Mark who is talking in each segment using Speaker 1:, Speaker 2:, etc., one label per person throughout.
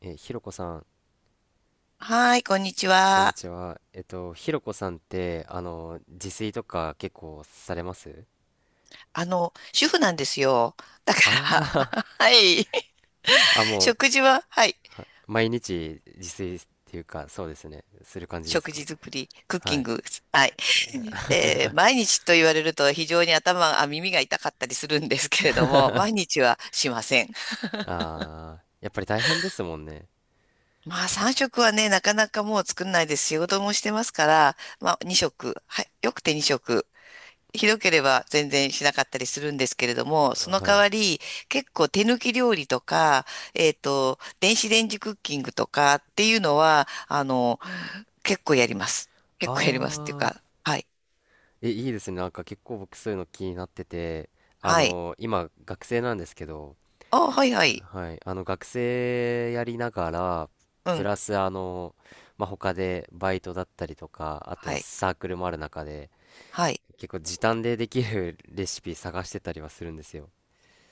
Speaker 1: ひろこさん、
Speaker 2: はーい、こんにち
Speaker 1: こんに
Speaker 2: は。
Speaker 1: ちは。ひろこさんって、自炊とか結構されます？
Speaker 2: 主婦なんですよ。だか
Speaker 1: ああ
Speaker 2: ら、はい。
Speaker 1: ー、あ、も
Speaker 2: 食事は、はい。
Speaker 1: う、毎日自炊っていうか、そうですね。する感じです
Speaker 2: 食
Speaker 1: か？
Speaker 2: 事作り、クッキ
Speaker 1: は
Speaker 2: ン
Speaker 1: い。
Speaker 2: グ、はい。毎日と言われると非常に頭、あ、耳が痛かったりするんですけれども、毎日はしません。
Speaker 1: ああ、やっぱり大変ですもんね。
Speaker 2: まあ、3食はね、なかなかもう作んないです。仕事もしてますから、まあ、2食、はい。よくて2食。ひどければ全然しなかったりするんですけれども、そ
Speaker 1: あ、
Speaker 2: の
Speaker 1: は
Speaker 2: 代
Speaker 1: い。
Speaker 2: わり結構手抜き料理とか、電子レンジクッキングとかっていうのは、結構やります。
Speaker 1: あ
Speaker 2: 結構やりますっていう
Speaker 1: あ、
Speaker 2: か、はい。
Speaker 1: え、いいですね。なんか結構僕そういうの気になってて、
Speaker 2: はい。
Speaker 1: 今、学生なんですけど、
Speaker 2: あ、はいはい。
Speaker 1: はい、あの学生やりながら、
Speaker 2: う
Speaker 1: プ
Speaker 2: ん。
Speaker 1: ラスまあ、他でバイトだったりとか、あ
Speaker 2: は
Speaker 1: と
Speaker 2: い。
Speaker 1: サークルもある中で、
Speaker 2: はい。
Speaker 1: 結構時短でできるレシピ探してたりはするんですよ。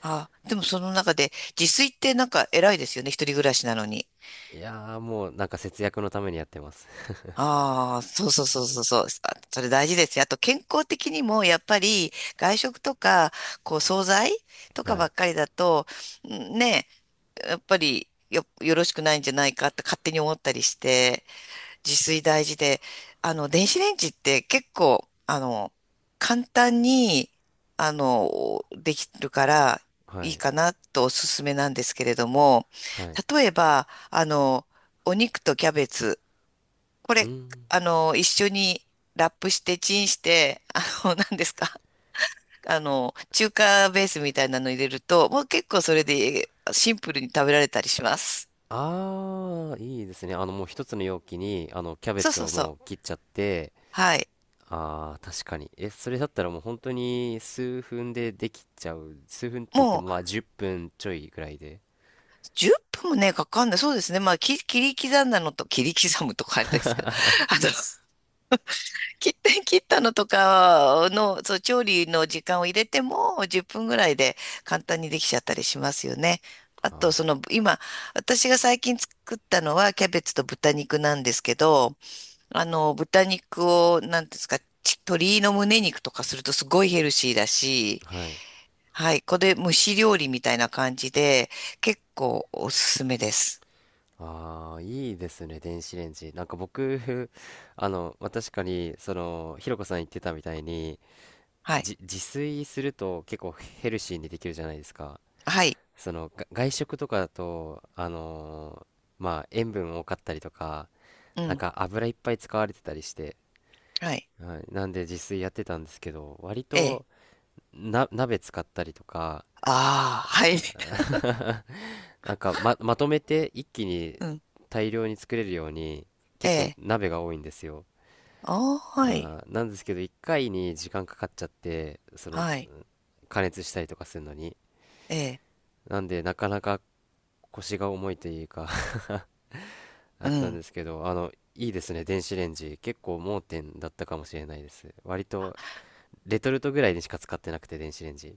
Speaker 2: あ、でもその中で自炊ってなんか偉いですよね。一人暮らしなのに。
Speaker 1: いやー、もうなんか節約のためにやってます。
Speaker 2: ああ、そうそうそうそうそう。あそれ大事ですよ。あと健康的にもやっぱり外食とか、こう惣菜 とか
Speaker 1: は
Speaker 2: ば
Speaker 1: い、
Speaker 2: っかりだと、んね、やっぱりよろしくないんじゃないかって勝手に思ったりして、自炊大事で、電子レンジって結構、簡単に、できるから
Speaker 1: は
Speaker 2: いい
Speaker 1: い、
Speaker 2: かなとおすすめなんですけれども、
Speaker 1: はい。
Speaker 2: 例えば、お肉とキャベツ、こ
Speaker 1: う
Speaker 2: れ、
Speaker 1: ん。
Speaker 2: 一緒にラップしてチンして、何ですか中華ベースみたいなの入れると、もう結構それでシンプルに食べられたりします。
Speaker 1: あー、いいですね。もう一つの容器に、キャベ
Speaker 2: そう
Speaker 1: ツ
Speaker 2: そう
Speaker 1: を
Speaker 2: そ
Speaker 1: も
Speaker 2: う。
Speaker 1: う切っちゃって、
Speaker 2: はい。
Speaker 1: ああ、確かに。え、それだったらもう本当に数分でできちゃう。数分って言っ
Speaker 2: も
Speaker 1: て
Speaker 2: う
Speaker 1: もまあ10分ちょいぐらいで。
Speaker 2: 10分もね、かかんない。そうですね。まあ、き切り刻んだのと、切り刻むとかあれですけど、あの、切って 切ったのとかの、そう、調理の時間を入れても10分ぐらいで簡単にできちゃったりしますよね。あと、そ
Speaker 1: あ
Speaker 2: の、今、私が最近作ったのはキャベツと豚肉なんですけど、豚肉を、なんていうんですか、鶏の胸肉とかするとすごいヘルシーだし、
Speaker 1: あ、はい。
Speaker 2: はい、これ蒸し料理みたいな感じで、結構おすすめです。
Speaker 1: ああ、いいですね、電子レンジ。なんか僕、まあ、確かに、ひろこさん言ってたみたいに、
Speaker 2: はい、
Speaker 1: 自炊すると結構ヘルシーにできるじゃないですか。
Speaker 2: はい、
Speaker 1: 外食とかだと、まあ、塩分多かったりとか、
Speaker 2: う
Speaker 1: なん
Speaker 2: ん、
Speaker 1: か油いっぱい使われてたりして、
Speaker 2: はい、
Speaker 1: はい、なんで自炊やってたんですけど割
Speaker 2: ええ、
Speaker 1: と鍋使ったりとか、
Speaker 2: ああ、
Speaker 1: あ
Speaker 2: はい、
Speaker 1: ー、 なんかまとめて一気に
Speaker 2: うん、
Speaker 1: 大量に作れるように
Speaker 2: え
Speaker 1: 結構
Speaker 2: え、
Speaker 1: 鍋が多いんですよ。
Speaker 2: ああ、はい。
Speaker 1: なんですけど、一回に時間かかっちゃって、
Speaker 2: はい。
Speaker 1: 加熱したりとかするのに、
Speaker 2: ええ。
Speaker 1: なんでなかなか腰が重いというか、 あ
Speaker 2: う
Speaker 1: ったん
Speaker 2: ん。
Speaker 1: ですけど、いいですね、電子レンジ。結構盲点だったかもしれないです。割とレトルトぐらいにしか使ってなくて、電子レンジ。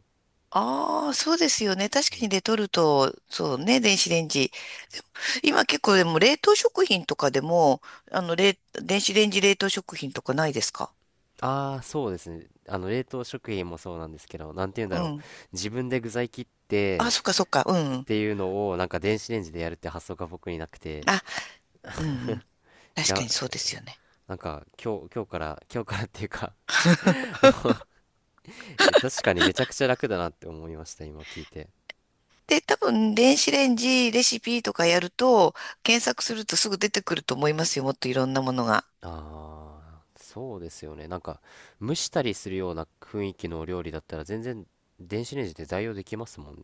Speaker 2: ああ、そうですよね。確
Speaker 1: う
Speaker 2: かに
Speaker 1: ん。
Speaker 2: レトルト、そうね、電子レンジ。今結構でも冷凍食品とかでも、あの、冷、電子レンジ冷凍食品とかないですか？
Speaker 1: ああ、そうですね。冷凍食品もそうなんですけど、なんて言うんだ
Speaker 2: う
Speaker 1: ろう。
Speaker 2: ん。
Speaker 1: 自分で具材切っ
Speaker 2: あ、
Speaker 1: て
Speaker 2: そっかそっか。う
Speaker 1: っ
Speaker 2: ん。
Speaker 1: ていうのを、なんか電子レンジでやるって発想が僕になくて、
Speaker 2: あ、うんうん。
Speaker 1: い
Speaker 2: 確か
Speaker 1: や、
Speaker 2: にそうですよね。
Speaker 1: なんか今日からっていうか、 え、確かにめちゃくちゃ楽だなって思いました、今聞いて。
Speaker 2: で、多分、電子レンジレシピとかやると、検索するとすぐ出てくると思いますよ。もっといろんなものが。
Speaker 1: ああ、そうですよね。なんか、蒸したりするような雰囲気のお料理だったら、全然電子レンジで代用できますもんね。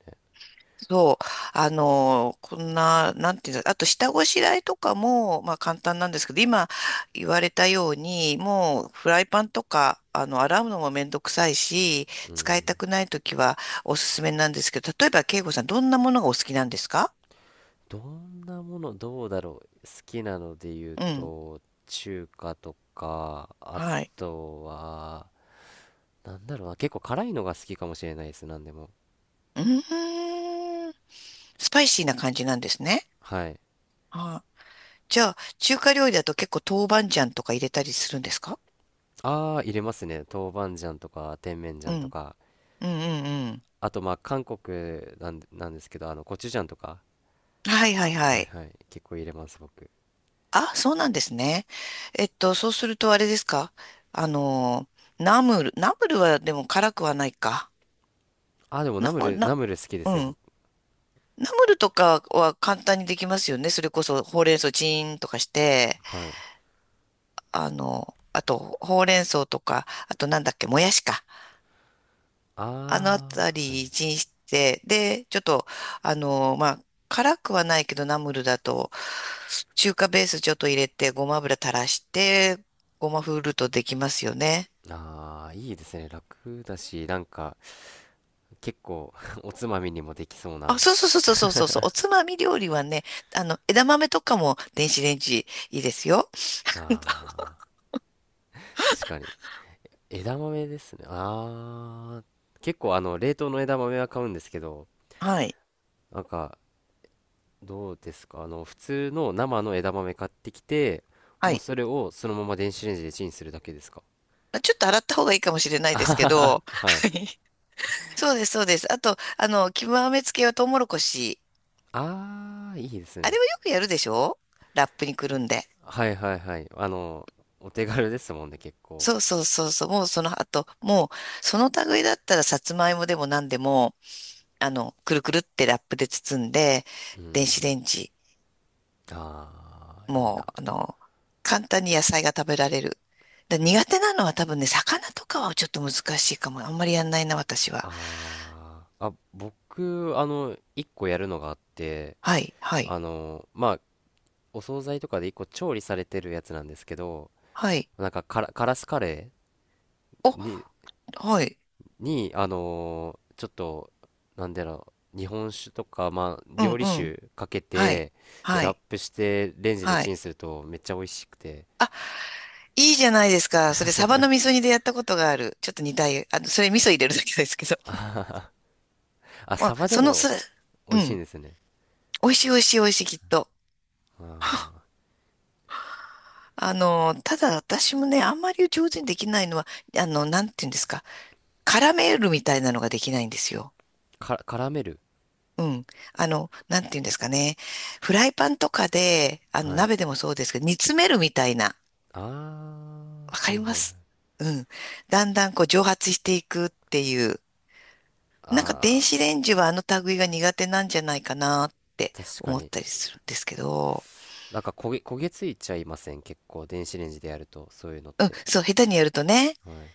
Speaker 2: そう、こんな、なんていうんだ、あと下ごしらえとかも、まあ簡単なんですけど、今言われたように、もうフライパンとか、洗うのもめんどくさいし、
Speaker 1: う
Speaker 2: 使いた
Speaker 1: ん。
Speaker 2: くないときはおすすめなんですけど、例えば、慶吾さん、どんなものがお好きなんですか？
Speaker 1: どんなもの、どうだろう。好きなので言う
Speaker 2: うん。
Speaker 1: と、中華とか、あ
Speaker 2: はい。
Speaker 1: とは、なんだろうな、結構辛いのが好きかもしれないです、なんでも。
Speaker 2: うーん。スパイシーな感じなんですね。
Speaker 1: はい。
Speaker 2: はい。じゃあ、中華料理だと結構豆板醤とか入れたりするんですか？
Speaker 1: ああ、入れますね。豆板醤とか、甜麺
Speaker 2: う
Speaker 1: 醤と
Speaker 2: ん。
Speaker 1: か。
Speaker 2: うんうんうん。
Speaker 1: あと、まあ、韓国なんで、なんですけど、コチュジャンとか。
Speaker 2: はいはいは
Speaker 1: はい
Speaker 2: い。
Speaker 1: はい。結構入れます、僕。
Speaker 2: あ、そうなんですね。そうするとあれですか？あの、ナムル。ナムルはでも辛くはないか。
Speaker 1: ああ、でもナ
Speaker 2: ナ
Speaker 1: ム
Speaker 2: ム、
Speaker 1: ル、ナ
Speaker 2: な、
Speaker 1: ムル好きで
Speaker 2: う
Speaker 1: すよ、僕。
Speaker 2: ん。ナムルとかは簡単にできますよね。それこそほうれん草チーンとかして、
Speaker 1: はい。
Speaker 2: あとほうれん草とか、あとなんだっけ、もやしか。あのあ
Speaker 1: あ
Speaker 2: た
Speaker 1: あ、はい。
Speaker 2: りチンして、で、ちょっと、まあ、辛くはないけどナムルだと、中華ベースちょっと入れて、ごま油垂らして、ごまふるとできますよね。
Speaker 1: ああ、いいですね。楽だし、なんか、結構 おつまみにもできそう
Speaker 2: あ、
Speaker 1: な。
Speaker 2: そうそうそうそうそうそう。おつまみ料理はね、枝豆とかも電子レンジいいですよ。
Speaker 1: あー、確かに。枝豆ですね。あー、結構冷凍の枝豆は買うんですけど、
Speaker 2: はい。
Speaker 1: なんかどうですか、普通の生の枝豆買ってきて、
Speaker 2: は
Speaker 1: もう
Speaker 2: い。
Speaker 1: それをそのまま電子レンジでチンするだけですか？
Speaker 2: まあちょっと洗った方がいいかもしれない
Speaker 1: あ
Speaker 2: で
Speaker 1: は
Speaker 2: すけ
Speaker 1: はは、
Speaker 2: ど。
Speaker 1: はい。
Speaker 2: はい。そうです、そうです。あと、極めつけはトウモロコシ。
Speaker 1: あー、いいです
Speaker 2: あれ
Speaker 1: ね。
Speaker 2: はよくやるでしょ？ラップにくるんで。
Speaker 1: はいはいはい。お手軽ですもんね、結構。
Speaker 2: そうそうそうそう。もうその後、もう、その類だったらさつまいもでも何でも、くるくるってラップで包んで、
Speaker 1: う
Speaker 2: 電子
Speaker 1: ん。
Speaker 2: レンジ
Speaker 1: あー、いい
Speaker 2: も
Speaker 1: な。
Speaker 2: う、簡単に野菜が食べられる。だ苦手なのは多分ね、魚とかはちょっと難しいかも。あんまりやんないな、私は。
Speaker 1: あー、あ、僕、一個やるのがあって、
Speaker 2: はい、はい、
Speaker 1: まあ、お惣菜とかで一個調理されてるやつなんですけど、
Speaker 2: はい。
Speaker 1: なんかカラ、カラスカレ
Speaker 2: お、
Speaker 1: ーに、
Speaker 2: はい。
Speaker 1: ちょっと、なんだろう、日本酒とか、まあ、
Speaker 2: うん、
Speaker 1: 料理
Speaker 2: うん。
Speaker 1: 酒かけ
Speaker 2: はい、
Speaker 1: て、で、
Speaker 2: は
Speaker 1: ラッ
Speaker 2: い、
Speaker 1: プして、レンジで
Speaker 2: は
Speaker 1: チ
Speaker 2: い。
Speaker 1: ンするとめっちゃ美味しくて。
Speaker 2: あ、いいじゃないですか。それ、サバの味噌煮でやったことがある。ちょっと煮たい。それ味噌入れるだけですけど。
Speaker 1: あはは、あ、
Speaker 2: まあ、
Speaker 1: サバでも美
Speaker 2: う
Speaker 1: 味しいん
Speaker 2: ん。
Speaker 1: ですね。
Speaker 2: 美味しい、美味しい、美味しい、きっと。
Speaker 1: あ
Speaker 2: ただ私もね、あんまり上手にできないのは、なんていうんですか。絡めるみたいなのができないんですよ。
Speaker 1: ー、絡める。
Speaker 2: うん。なんていうんですかね。フライパンとかで、
Speaker 1: はい。
Speaker 2: 鍋でもそうですけど、煮詰めるみたいな。
Speaker 1: ああ、
Speaker 2: わ
Speaker 1: は
Speaker 2: かり
Speaker 1: い
Speaker 2: ま
Speaker 1: はいはい。
Speaker 2: す？うん。だんだんこう蒸発していくっていう。なんか電
Speaker 1: あ
Speaker 2: 子
Speaker 1: あ、
Speaker 2: レンジはあの類が苦手なんじゃないかなって
Speaker 1: 確か
Speaker 2: 思っ
Speaker 1: に。
Speaker 2: たりするんですけど。
Speaker 1: なんか焦げついちゃいません。結構、電子レンジでやると、そういうのっ
Speaker 2: うん、
Speaker 1: て。
Speaker 2: そう、下手にやるとね。
Speaker 1: はい。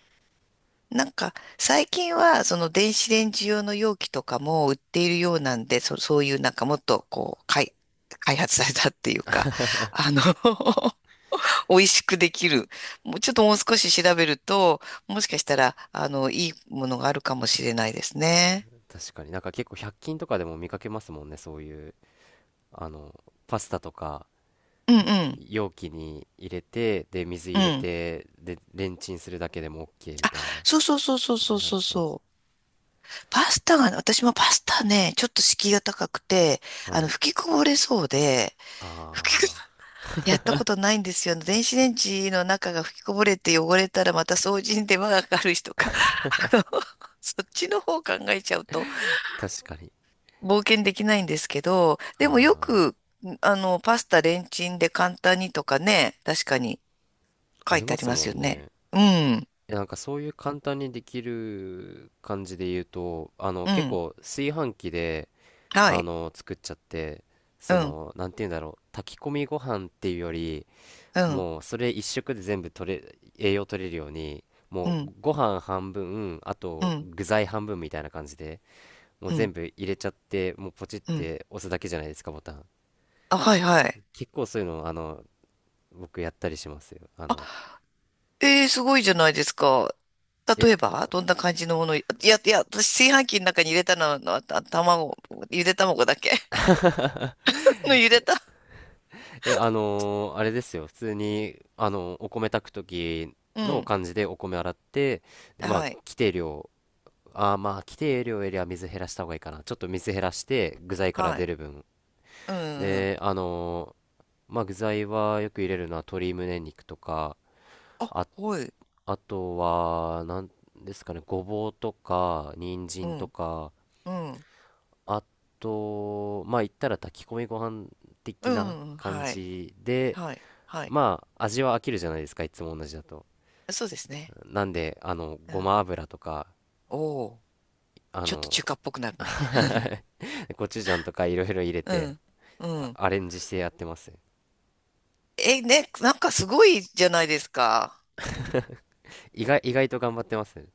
Speaker 2: なんか、最近は、その電子レンジ用の容器とかも売っているようなんで、そういうなんかもっと、こう、開発されたっていうか、あの 美味しくできる。もう少し調べると、もしかしたら、いいものがあるかもしれないですね。
Speaker 1: 確かに、なんか結構100均とかでも見かけますもんね、そういう、あのパスタとか。
Speaker 2: うんうん。
Speaker 1: 容器に入れて、で、水
Speaker 2: う
Speaker 1: 入れ
Speaker 2: ん。
Speaker 1: て、で、レンチンするだけでも OK みたいな。
Speaker 2: そうそうそうそう
Speaker 1: は
Speaker 2: そう
Speaker 1: いは
Speaker 2: そう
Speaker 1: いは
Speaker 2: そう。パスタがね、私もパスタね、ちょっと敷居が高くて、
Speaker 1: いはい。
Speaker 2: 吹きこぼれそうで、吹きこ、
Speaker 1: あ
Speaker 2: やったことないんですよ。電子レンジの中が吹きこぼれて汚れたらまた掃除に手間がかかるしとか、あの、そっちの方考えちゃうと、
Speaker 1: あ、確かに。
Speaker 2: 冒険できないんですけど、でもよ
Speaker 1: あ
Speaker 2: く、パスタレンチンで簡単にとかね、確かに
Speaker 1: あ、あ
Speaker 2: 書い
Speaker 1: り
Speaker 2: てあ
Speaker 1: ま
Speaker 2: り
Speaker 1: す
Speaker 2: ま
Speaker 1: も
Speaker 2: すよ
Speaker 1: ん
Speaker 2: ね。
Speaker 1: ね。
Speaker 2: うん、
Speaker 1: え、なんかそういう簡単にできる感じで言うと、
Speaker 2: う
Speaker 1: 結
Speaker 2: ん、
Speaker 1: 構炊飯器で、
Speaker 2: はい、
Speaker 1: 作っちゃって、
Speaker 2: うん、
Speaker 1: なんて言うんだろう、炊き込みご飯っていうより、
Speaker 2: うん、
Speaker 1: もうそれ一食で全部栄養取れるように、
Speaker 2: う
Speaker 1: もう
Speaker 2: ん、
Speaker 1: ご飯半分、あ
Speaker 2: う
Speaker 1: と
Speaker 2: ん、
Speaker 1: 具材半分みたいな感じで、もう
Speaker 2: うん、
Speaker 1: 全部入れちゃって、もうポチっ
Speaker 2: うん。
Speaker 1: て押すだけじゃないですか、ボタン。
Speaker 2: あ、はいはい。
Speaker 1: 結構そういうの、僕やったりしますよ。あの、
Speaker 2: すごいじゃないですか。
Speaker 1: え、
Speaker 2: 例
Speaker 1: あ
Speaker 2: えば、どんな感じのもの、いや、いや、私、炊飯器の中に入れたのは、ゆで卵だけ のゆでた。
Speaker 1: え、あのーあれですよ。普通に、お米炊く時
Speaker 2: う
Speaker 1: の
Speaker 2: ん、
Speaker 1: 感じでお米洗って、で、まあ、
Speaker 2: はい、
Speaker 1: 規定量、まあ、規定量よりは水減らした方がいいかな。ちょっと水減らして、具材から
Speaker 2: は
Speaker 1: 出
Speaker 2: い、
Speaker 1: る分。
Speaker 2: うん、うん。
Speaker 1: で、まあ、具材はよく入れるのは鶏胸肉とか、
Speaker 2: あ、
Speaker 1: あ、
Speaker 2: はい、
Speaker 1: あとは、なんですかね、ごぼうとか、人
Speaker 2: う
Speaker 1: 参と
Speaker 2: ん、
Speaker 1: か、
Speaker 2: うん、
Speaker 1: あと、まあ言ったら炊き込みご飯
Speaker 2: う
Speaker 1: 的な
Speaker 2: ん、
Speaker 1: 感
Speaker 2: はい、
Speaker 1: じで、
Speaker 2: はい。はい
Speaker 1: まあ味は飽きるじゃないですか、いつも同じだと。
Speaker 2: そうですね。
Speaker 1: なんで、
Speaker 2: う
Speaker 1: ご
Speaker 2: ん。
Speaker 1: ま油とか、
Speaker 2: おお、
Speaker 1: あ
Speaker 2: ちょっと
Speaker 1: の
Speaker 2: 中華っぽくなるね。
Speaker 1: コチュジャンとかいろいろ入れ
Speaker 2: う
Speaker 1: て、
Speaker 2: ん。うん。
Speaker 1: アレンジしてやってます。
Speaker 2: え、ね、なんかすごいじゃないですか。
Speaker 1: 意外と頑張ってますね